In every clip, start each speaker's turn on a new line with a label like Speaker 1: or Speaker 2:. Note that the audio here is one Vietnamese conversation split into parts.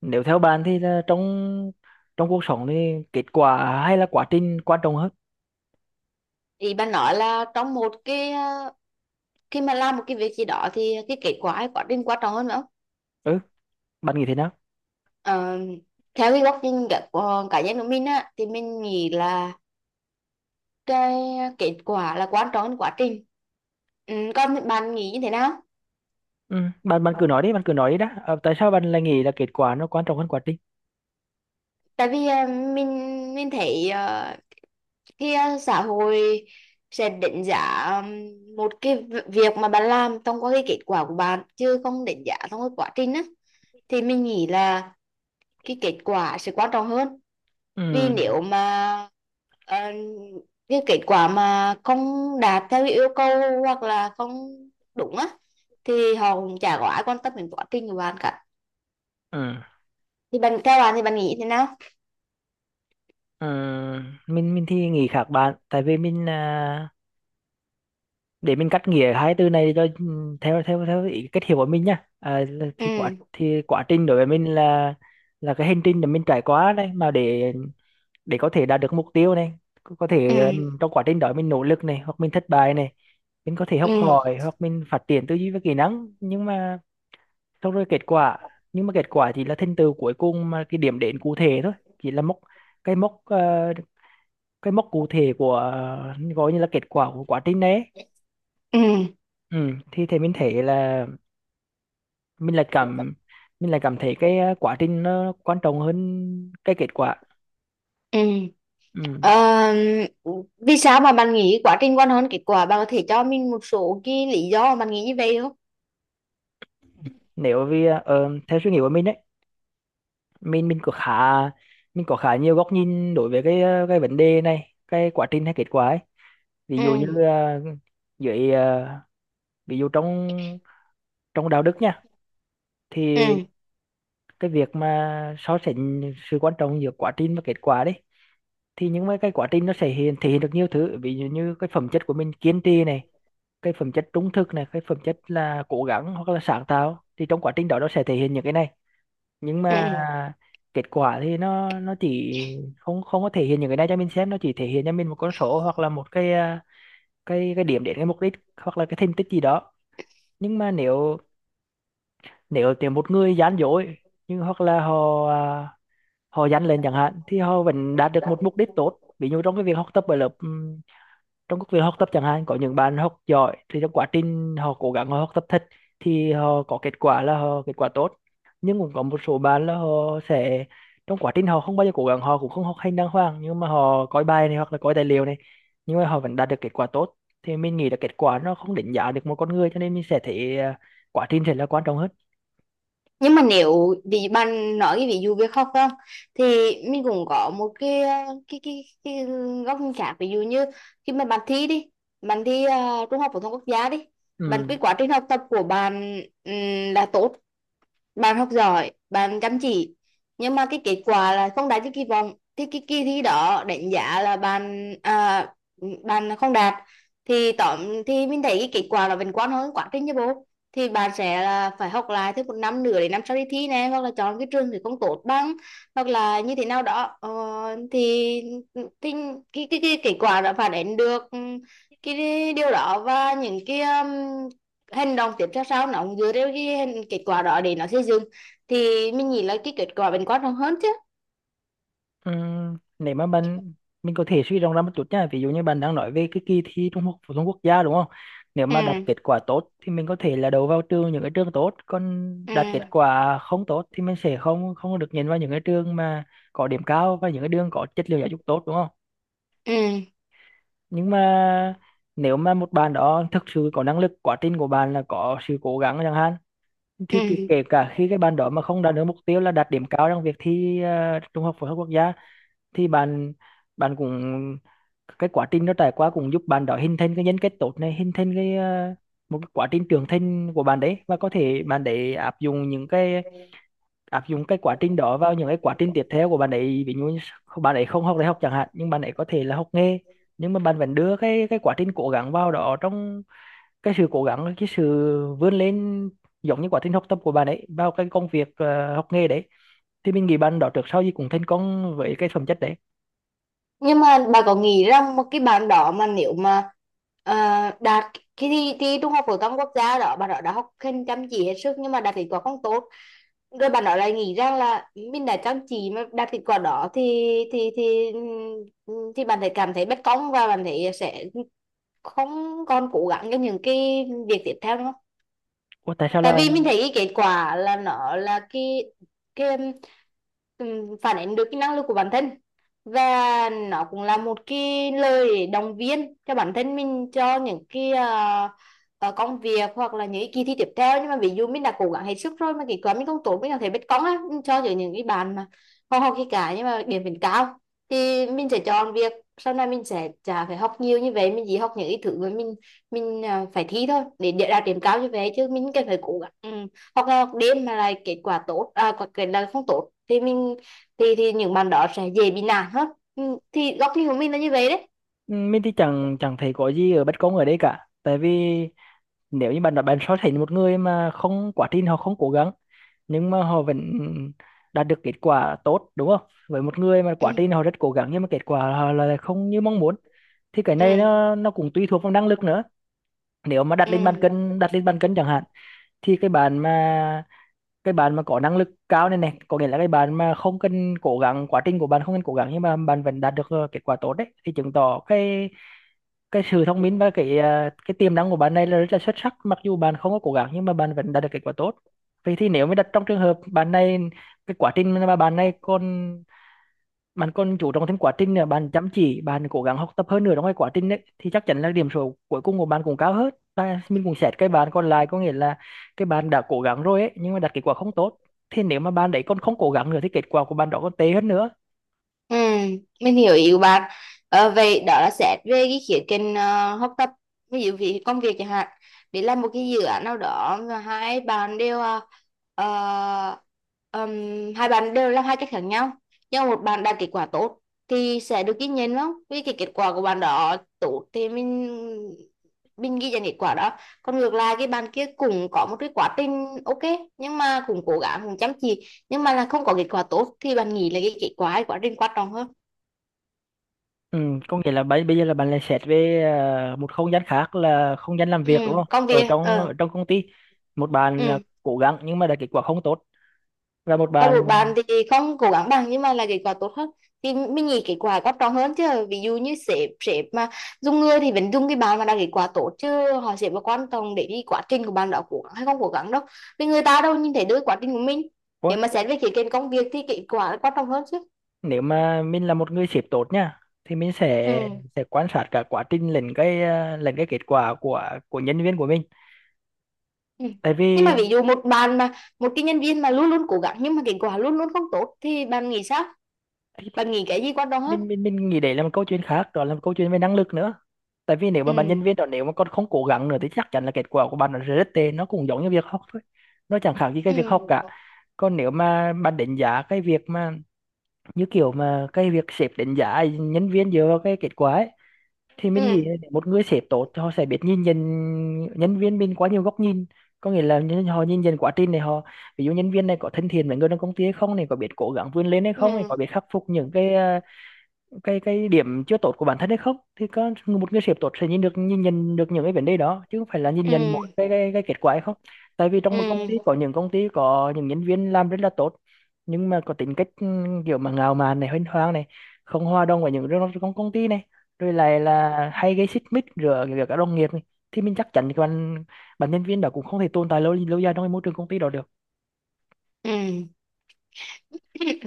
Speaker 1: Nếu theo bạn thì là trong trong cuộc sống thì kết quả hay là quá trình quan trọng hơn?
Speaker 2: Ý bà nói là trong một cái khi mà làm một cái việc gì đó thì cái kết quả hay quá trình quan trọng hơn nữa?
Speaker 1: Ừ, bạn nghĩ thế nào?
Speaker 2: Ờ, Theo cái góc nhìn của cá nhân của mình á thì mình nghĩ là cái kết quả là quan trọng hơn quá trình. Ừ, còn bạn nghĩ như thế nào?
Speaker 1: Ừ. bạn bạn cứ nói đi, bạn cứ nói đi đã. Ờ, Tại sao bạn lại nghĩ là kết quả nó quan trọng hơn quá trình?
Speaker 2: Tại vì mình thấy khi xã hội sẽ đánh giá một cái việc mà bạn làm thông qua cái kết quả của bạn chứ không đánh giá thông qua quá trình á, thì mình nghĩ là cái kết quả sẽ quan trọng hơn. Vì
Speaker 1: Ừ.
Speaker 2: nếu mà ờ, cái kết quả mà không đạt theo cái yêu cầu hoặc là không đúng á thì họ cũng chả có ai quan tâm đến quá trình của bạn cả.
Speaker 1: Ừ.
Speaker 2: Thì bạn Theo bạn thì bạn nghĩ thế nào?
Speaker 1: Ừ. Mình thì nghĩ khác bạn. Tại vì mình, để mình cắt nghĩa hai từ này cho theo theo theo ý cách hiểu của mình nhá.
Speaker 2: Ừ.
Speaker 1: Thì quá trình đối với mình là cái hành trình mà mình trải qua đấy, mà để có thể đạt được mục tiêu này. Có
Speaker 2: Ừ.
Speaker 1: thể trong quá trình đó mình nỗ lực này, hoặc mình thất bại này, mình có thể
Speaker 2: Ừ.
Speaker 1: học hỏi hoặc mình phát triển tư duy và kỹ năng, nhưng mà xong rồi kết quả, nhưng mà kết quả chỉ là thành tựu cuối cùng, mà cái điểm đến cụ thể thôi. Chỉ là mốc, cái mốc, cái mốc cụ thể của, gọi như là kết quả của quá trình đấy.
Speaker 2: Ừ.
Speaker 1: Ừ, thì mình thấy là mình lại cảm mình lại cảm thấy cái, quá trình nó quan trọng hơn cái kết quả.
Speaker 2: Ừ.
Speaker 1: Ừ.
Speaker 2: Ờ, Vì sao mà bạn nghĩ quá trình quan hơn kết quả, bạn có thể cho mình một số cái lý do mà bạn nghĩ như vậy không?
Speaker 1: Nếu vì, theo suy nghĩ của mình đấy, mình mình có khá mình có khá nhiều góc nhìn đối với cái vấn đề này, cái quá trình hay kết quả ấy. ví
Speaker 2: Ừ.
Speaker 1: dụ như ờ, dưới ờ, ví dụ trong trong đạo đức nha, thì
Speaker 2: Ừ.
Speaker 1: cái việc mà so sánh sự quan trọng giữa quá trình và kết quả đấy, thì những cái quá trình nó sẽ thể hiện được nhiều thứ, ví dụ như cái phẩm chất của mình kiên trì này, cái phẩm chất trung thực này, cái phẩm chất là cố gắng hoặc là sáng tạo, thì trong quá trình đó nó sẽ thể hiện những cái này. Nhưng mà
Speaker 2: Ừ.
Speaker 1: kết quả thì nó chỉ không không có thể hiện những cái này cho mình xem, nó chỉ thể hiện cho mình một con số, hoặc là một cái, cái điểm đến, cái mục đích hoặc là cái thành tích gì đó. Nhưng mà nếu nếu tìm một người gian dối, nhưng hoặc là họ, họ gian lên chẳng hạn, thì họ vẫn đạt được một mục đích tốt. Ví dụ trong cái việc học tập ở lớp, trong các việc học tập chẳng hạn, có những bạn học giỏi thì trong quá trình họ cố gắng, họ học tập thật, thì họ có kết quả là họ kết quả tốt. Nhưng cũng có một số bạn là họ sẽ, trong quá trình họ không bao giờ cố gắng, họ cũng không học hành đàng hoàng, nhưng mà họ coi bài này hoặc là coi tài liệu này, nhưng mà họ vẫn đạt được kết quả tốt. Thì mình nghĩ là kết quả nó không đánh giá được một con người, cho nên mình sẽ thấy, quá trình sẽ là quan trọng hơn.
Speaker 2: Nhưng mà nếu bị bạn nói cái ví dụ việc khóc không thì mình cũng có một cái cái góc nhìn khác, ví dụ như khi mà bạn thi đi, bạn thi trung học phổ thông quốc gia đi. Bạn,
Speaker 1: Ừ.
Speaker 2: cái quá trình học tập của bạn là tốt, bạn học giỏi, bạn chăm chỉ, nhưng mà cái kết quả là không đạt như kỳ vọng thì cái kỳ thi đó đánh giá là bạn không đạt. thì tóm thì mình thấy cái kết quả nó vẫn quan hơn quá trình chứ bố. Thì bạn sẽ là phải học lại thêm một năm nữa để năm sau đi thi này, hoặc là chọn cái trường thì không tốt bằng, hoặc là như thế nào đó, thì, thì cái kết quả đã phản ánh được cái điều đó, và những cái hành động tiếp theo sau nó cũng dựa theo cái kết quả đó để nó xây dựng. Thì mình nghĩ là cái kết quả vẫn quan trọng hơn chứ.
Speaker 1: Nếu mà bạn, mình có thể suy rộng ra một chút nha, ví dụ như bạn đang nói về cái kỳ thi Trung học phổ thông quốc gia đúng không? Nếu mà đạt
Speaker 2: Ừ.
Speaker 1: kết quả tốt thì mình có thể là đậu vào trường, những cái trường tốt, còn đạt kết
Speaker 2: Ừ.
Speaker 1: quả không tốt thì mình sẽ không không được nhìn vào những cái trường mà có điểm cao, và những cái đường có chất lượng giáo dục tốt đúng không?
Speaker 2: Ừ.
Speaker 1: Nhưng mà nếu mà một bạn đó thực sự có năng lực, quá trình của bạn là có sự cố gắng chẳng hạn, thì kể kể
Speaker 2: Ừ.
Speaker 1: cả khi cái bạn đó mà không đạt được mục tiêu là đạt điểm cao trong việc thi, Trung học phổ thông quốc gia, thì bạn bạn cũng cái quá trình nó trải qua cũng giúp bạn đó hình thành cái nhân cách tốt này, hình thành cái, một cái quá trình trưởng thành của bạn đấy, và có thể bạn để áp dụng cái quá trình đó vào những cái quá trình tiếp theo của bạn ấy. Ví dụ như bạn ấy không học đại học chẳng hạn, nhưng bạn ấy có thể là học nghề, nhưng mà bạn vẫn đưa cái quá trình cố gắng vào đó, trong cái sự cố gắng, cái sự vươn lên, giống như quá trình học tập của bạn ấy vào cái công việc, học nghề đấy. Thì mình nghĩ bạn đó trước sau gì cũng thành công với cái phẩm chất đấy.
Speaker 2: Nhưng mà bà có nghĩ rằng một cái bạn đó mà nếu mà ờ, đạt cái thi trung học phổ thông quốc gia đó, bạn đó đã học hành chăm chỉ hết sức nhưng mà đạt kết quả không tốt, rồi bạn nói lại nghĩ rằng là mình đã chăm chỉ mà đạt kết quả đó thì, thì thì thì bạn thấy cảm thấy bất công và bạn thấy sẽ không còn cố gắng cho những cái việc tiếp theo nữa không?
Speaker 1: Ủa, tại sao
Speaker 2: Tại
Speaker 1: là.
Speaker 2: vì mình thấy cái kết quả là nó là cái phản ánh được cái năng lực của bản thân, và nó cũng là một cái lời động viên cho bản thân mình cho những cái công việc hoặc là những cái kỳ thi tiếp theo. Nhưng mà ví dụ mình đã cố gắng hết sức rồi mà kết quả mình không tốt, mình có thể biết cóng á mình cho những cái bạn mà không học gì cả nhưng mà điểm vẫn cao, thì mình sẽ chọn việc sau này mình sẽ chả phải học nhiều như vậy, mình chỉ học những cái thứ mà mình phải thi thôi để đạt điểm cao, như vậy chứ mình cần phải cố gắng, ừ. Hoặc là học đêm mà lại kết quả tốt, à, kết là không tốt thì mình thì những bạn đó sẽ dễ bị nản hơn. Ừ, thì góc nhìn của mình là như vậy đấy.
Speaker 1: Ừ, mình thì chẳng chẳng thấy có gì ở bất công ở đây cả. Tại vì nếu như bạn nói, bạn so sánh một người mà không, quá trình họ không cố gắng nhưng mà họ vẫn đạt được kết quả tốt đúng không, với một người mà quá
Speaker 2: Ừ.
Speaker 1: trình họ rất cố gắng nhưng mà kết quả họ là không như mong muốn, thì cái này
Speaker 2: Ừ.
Speaker 1: nó cũng tùy thuộc vào năng lực nữa. Nếu mà đặt
Speaker 2: Ừ.
Speaker 1: lên bàn cân, đặt lên bàn cân chẳng hạn, thì cái bạn mà có năng lực cao này, có nghĩa là cái bạn mà không cần cố gắng, quá trình của bạn không cần cố gắng nhưng mà bạn vẫn đạt được, kết quả tốt đấy, thì chứng tỏ cái sự thông minh và cái tiềm năng của bạn này là rất là xuất sắc, mặc dù bạn không có cố gắng nhưng mà bạn vẫn đạt được kết quả tốt. Vậy thì nếu mà đặt trong trường hợp bạn này, cái quá trình mà bạn này còn bạn còn chú trọng thêm quá trình nữa, bạn chăm chỉ, bạn cố gắng học tập hơn nữa trong cái quá trình đấy, thì chắc chắn là điểm số cuối cùng của bạn cũng cao hơn. Và mình cũng xét cái bạn còn lại, có nghĩa là cái bạn đã cố gắng rồi ấy nhưng mà đạt kết quả không tốt, thì nếu mà bạn đấy còn không cố gắng nữa thì kết quả của bạn đó còn tệ hơn nữa.
Speaker 2: Ừ, mình hiểu ý của bạn. Vậy đó là xét về cái khía cạnh học tập, ví dụ vì công việc chẳng hạn. Để làm một cái dự án nào đó và ờ, hai bạn đều làm hai cách khác nhau. Nhưng một bạn đạt kết quả tốt thì sẽ được ghi nhận không? Vì cái kết quả của bạn đó tốt thì mình ghi nhận kết quả đó. Còn ngược lại cái bạn kia cũng có một cái quá trình ok nhưng mà cũng cố gắng cũng chăm chỉ nhưng mà là không có kết quả tốt thì bạn nghĩ là cái kết quả, cái quá trình quan trọng hơn?
Speaker 1: Ừ, có nghĩa là bây bây giờ là bạn lại xét về, một không gian khác, là không gian làm
Speaker 2: Ừ,
Speaker 1: việc đúng không?
Speaker 2: công
Speaker 1: Ở
Speaker 2: việc,
Speaker 1: trong ở trong công ty, một bạn,
Speaker 2: ừ,
Speaker 1: cố gắng nhưng mà đã kết quả không tốt, và một
Speaker 2: còn một
Speaker 1: bạn.
Speaker 2: bạn thì không cố gắng bằng nhưng mà là kết quả tốt hơn, thì mình nghĩ kết quả quan trọng hơn chứ. Ví dụ như sếp sếp mà dùng người thì vẫn dùng cái bạn mà đạt kết quả tốt chứ họ sẽ vào quan trọng để đi quá trình của bạn đã cố gắng hay không cố gắng đâu, vì người ta đâu nhìn thấy được quá trình của mình.
Speaker 1: Ủa,
Speaker 2: Nếu mà xét về khía cạnh công việc thì kết quả là quan trọng hơn chứ.
Speaker 1: nếu mà mình là một người sếp tốt nha, thì mình
Speaker 2: Ừ.
Speaker 1: sẽ quan sát cả quá trình lẫn cái, lẫn cái kết quả của nhân viên của mình.
Speaker 2: Ừ.
Speaker 1: Tại
Speaker 2: Nhưng
Speaker 1: vì
Speaker 2: mà ví dụ một cái nhân viên mà luôn luôn cố gắng nhưng mà kết quả luôn luôn không tốt thì bạn nghĩ sao? Bạn nghĩ cái gì quan trọng hết?
Speaker 1: mình nghĩ đấy là một câu chuyện khác, đó là một câu chuyện về năng lực nữa. Tại vì nếu mà bạn nhân
Speaker 2: Ừ.
Speaker 1: viên đó, nếu mà con không cố gắng nữa thì chắc chắn là kết quả của bạn nó sẽ rất tệ, nó cũng giống như việc học thôi, nó chẳng khác gì cái việc học cả.
Speaker 2: Ừ.
Speaker 1: Còn nếu mà bạn đánh giá cái việc mà, như kiểu mà cái việc sếp đánh giá nhân viên dựa vào cái kết quả ấy, thì mình nghĩ là
Speaker 2: Ừ.
Speaker 1: để một người sếp tốt thì họ sẽ biết nhìn nhận nhân viên mình quá nhiều góc nhìn. Có nghĩa là họ nhìn nhận quá trình này, họ ví dụ nhân viên này có thân thiện với người trong công ty hay không này, có biết cố gắng vươn lên hay không này,
Speaker 2: Ừ.
Speaker 1: có biết khắc phục những cái, cái điểm chưa tốt của bản thân hay không, thì có một người sếp tốt sẽ nhìn nhận được những cái vấn đề đó, chứ không phải là nhìn
Speaker 2: Ừ.
Speaker 1: nhận một cái kết quả hay không. Tại vì trong một công ty
Speaker 2: Ừ.
Speaker 1: có những công ty có những nhân viên làm rất là tốt, nhưng mà có tính cách kiểu mà ngạo mạn này, huênh hoang này, không hòa đồng với những trong công công ty này, rồi lại là hay gây xích mích giữa giữa các đồng nghiệp này. Thì mình chắc chắn thì bạn bạn nhân viên đó cũng không thể tồn tại lâu lâu dài trong cái môi trường công ty đó được.
Speaker 2: Ừ.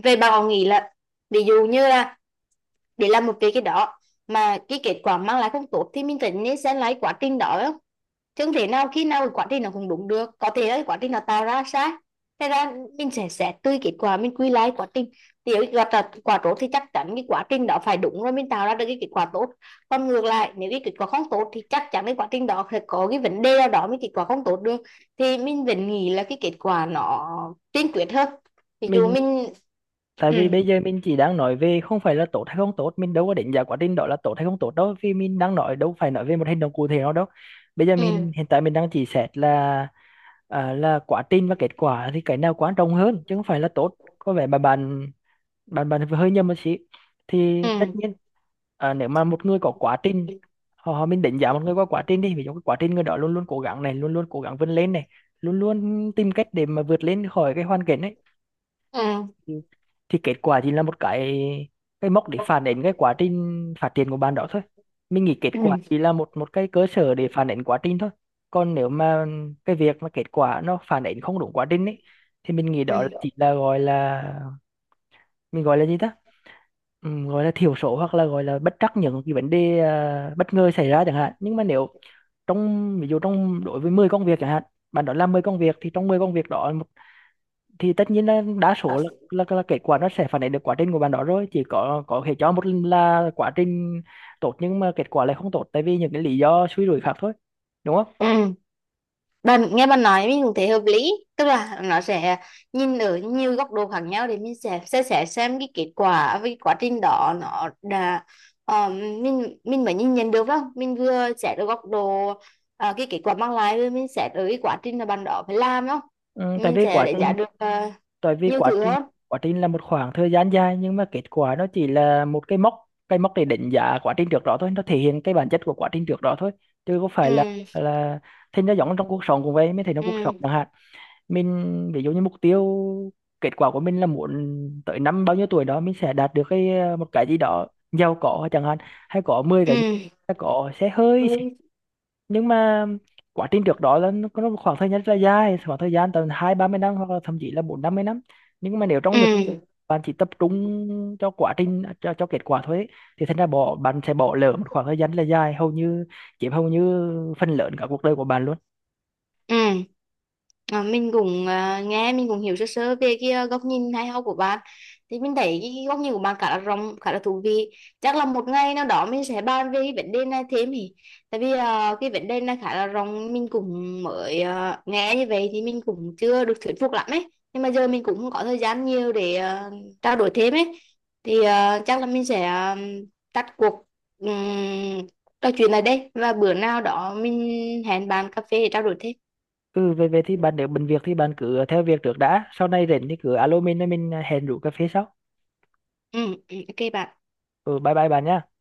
Speaker 2: Về bạn còn nghĩ là, ví dụ như là, để làm một cái đó mà cái kết quả mang lại không tốt thì mình phải nên xem lại quá trình đó. Chẳng thể nào khi nào cái quá trình nó cũng đúng được, có thể là cái quá trình nó tạo ra sai. Thế ra mình sẽ xét tùy kết quả mình quy lại quá trình. Nếu gặp là quả tốt thì chắc chắn cái quá trình đó phải đúng rồi mình tạo ra được cái kết quả tốt. Còn ngược lại nếu cái kết quả không tốt thì chắc chắn cái quá trình đó phải có cái vấn đề nào đó mới kết quả không tốt được. Thì mình vẫn nghĩ là cái kết quả nó tiên quyết hơn. Ví dụ
Speaker 1: mình
Speaker 2: mình.
Speaker 1: Tại vì bây
Speaker 2: Ừ.
Speaker 1: giờ mình chỉ đang nói về không phải là tốt hay không tốt, mình đâu có đánh giá quá trình đó là tốt hay không tốt đâu, vì mình đang nói đâu phải nói về một hành động cụ thể nào đâu. Bây giờ
Speaker 2: Ừ.
Speaker 1: mình, hiện tại mình đang chỉ xét là, là quá trình và kết quả thì cái nào quan trọng hơn, chứ không phải là tốt. Có vẻ mà bạn bạn bạn hơi nhầm một xí. Thì tất
Speaker 2: Ừ.
Speaker 1: nhiên, nếu mà một người có quá trình, họ họ- mình đánh giá một người qua quá trình đi, ví dụ cái quá trình người đó luôn luôn cố gắng này, luôn luôn cố gắng vươn lên này, luôn luôn tìm cách để mà vượt lên khỏi cái hoàn cảnh
Speaker 2: Ừ.
Speaker 1: ấy, thì kết quả chỉ là một cái mốc để phản ánh cái quá trình phát triển của bạn đó thôi. Mình nghĩ
Speaker 2: Ừ.
Speaker 1: kết
Speaker 2: Ừ.
Speaker 1: quả chỉ là một một cái cơ sở để phản ánh quá trình thôi. Còn nếu mà cái việc mà kết quả nó phản ánh không đúng quá trình ấy, thì mình nghĩ
Speaker 2: Ừ.
Speaker 1: đó là chỉ là gọi là, mình gọi là gì ta, gọi là thiểu số hoặc là gọi là bất trắc, những cái vấn đề, bất ngờ xảy ra chẳng hạn. Nhưng mà trong ví dụ, trong đối với 10 công việc chẳng hạn, bạn đó làm 10 công việc thì trong 10 công việc đó thì tất nhiên là đa số là, kết quả nó sẽ phản ánh được quá trình của bạn đó rồi, chỉ có thể cho một lần là quá trình tốt nhưng mà kết quả lại không tốt, tại vì những cái lý do suy rủi khác thôi, đúng không?
Speaker 2: Ừ. Bạn nghe bạn nói mình cũng thấy hợp lý, tức là nó sẽ nhìn ở nhiều góc độ khác nhau để mình sẽ xem cái kết quả với cái quá trình đó nó đã, mình mới nhìn nhận được, phải không? Mình vừa xét ở góc độ cái kết quả mang lại, rồi mình xét ở cái quá trình mà bạn đó phải làm, đúng không?
Speaker 1: Ừ, tại
Speaker 2: Mình
Speaker 1: vì
Speaker 2: sẽ đúng
Speaker 1: quá
Speaker 2: đánh
Speaker 1: trình
Speaker 2: giá được
Speaker 1: tại vì
Speaker 2: nhiều thứ hơn.
Speaker 1: quá trình là một khoảng thời gian dài, nhưng mà kết quả nó chỉ là một cái mốc để đánh giá quá trình trước đó thôi, nó thể hiện cái bản chất của quá trình trước đó thôi, chứ có phải là
Speaker 2: Ừ.
Speaker 1: là thì nó giống trong cuộc sống cũng vậy mới thấy nó, cuộc sống
Speaker 2: Ừ.
Speaker 1: chẳng hạn, mình ví dụ như mục tiêu, kết quả của mình là muốn tới năm bao nhiêu tuổi đó mình sẽ đạt được cái, một cái gì đó giàu có chẳng hạn, hay có mười
Speaker 2: Ừ.
Speaker 1: cái nhà, hay có xe hơi. Nhưng mà quá trình trước đó là nó có một khoảng thời gian rất là dài, khoảng thời gian tầm hai ba mươi năm hoặc là thậm chí là bốn năm mươi năm. Nhưng mà nếu trong
Speaker 2: Ừ.
Speaker 1: bạn chỉ tập trung cho quá trình cho kết quả thôi ấy, thì thành ra bạn sẽ bỏ lỡ một khoảng thời gian rất là dài, hầu như chiếm hầu như phần lớn cả cuộc đời của bạn luôn.
Speaker 2: Ừ. À, mình cũng nghe mình cũng hiểu sơ sơ về cái góc nhìn hay ho của bạn. Thì mình thấy cái góc nhìn của bạn khá là rộng, khá là thú vị. Chắc là một ngày nào đó mình sẽ bàn về cái vấn đề này thêm. Thì tại vì cái vấn đề này khá là rộng, mình cũng mới nghe như vậy thì mình cũng chưa được thuyết phục lắm ấy. Nhưng mà giờ mình cũng không có thời gian nhiều để trao đổi thêm ấy. Thì chắc là mình sẽ tắt cuộc um, trò chuyện này đây, và bữa nào đó mình hẹn bạn cà phê để trao đổi thêm.
Speaker 1: Ừ, về về thì bạn nếu bận việc thì bạn cứ theo việc trước đã, sau này rảnh thì cứ alo mình rồi mình hẹn rủ cà phê sau.
Speaker 2: Ừ, ừ, ok bạn.
Speaker 1: Ừ, bye bye bạn nhá.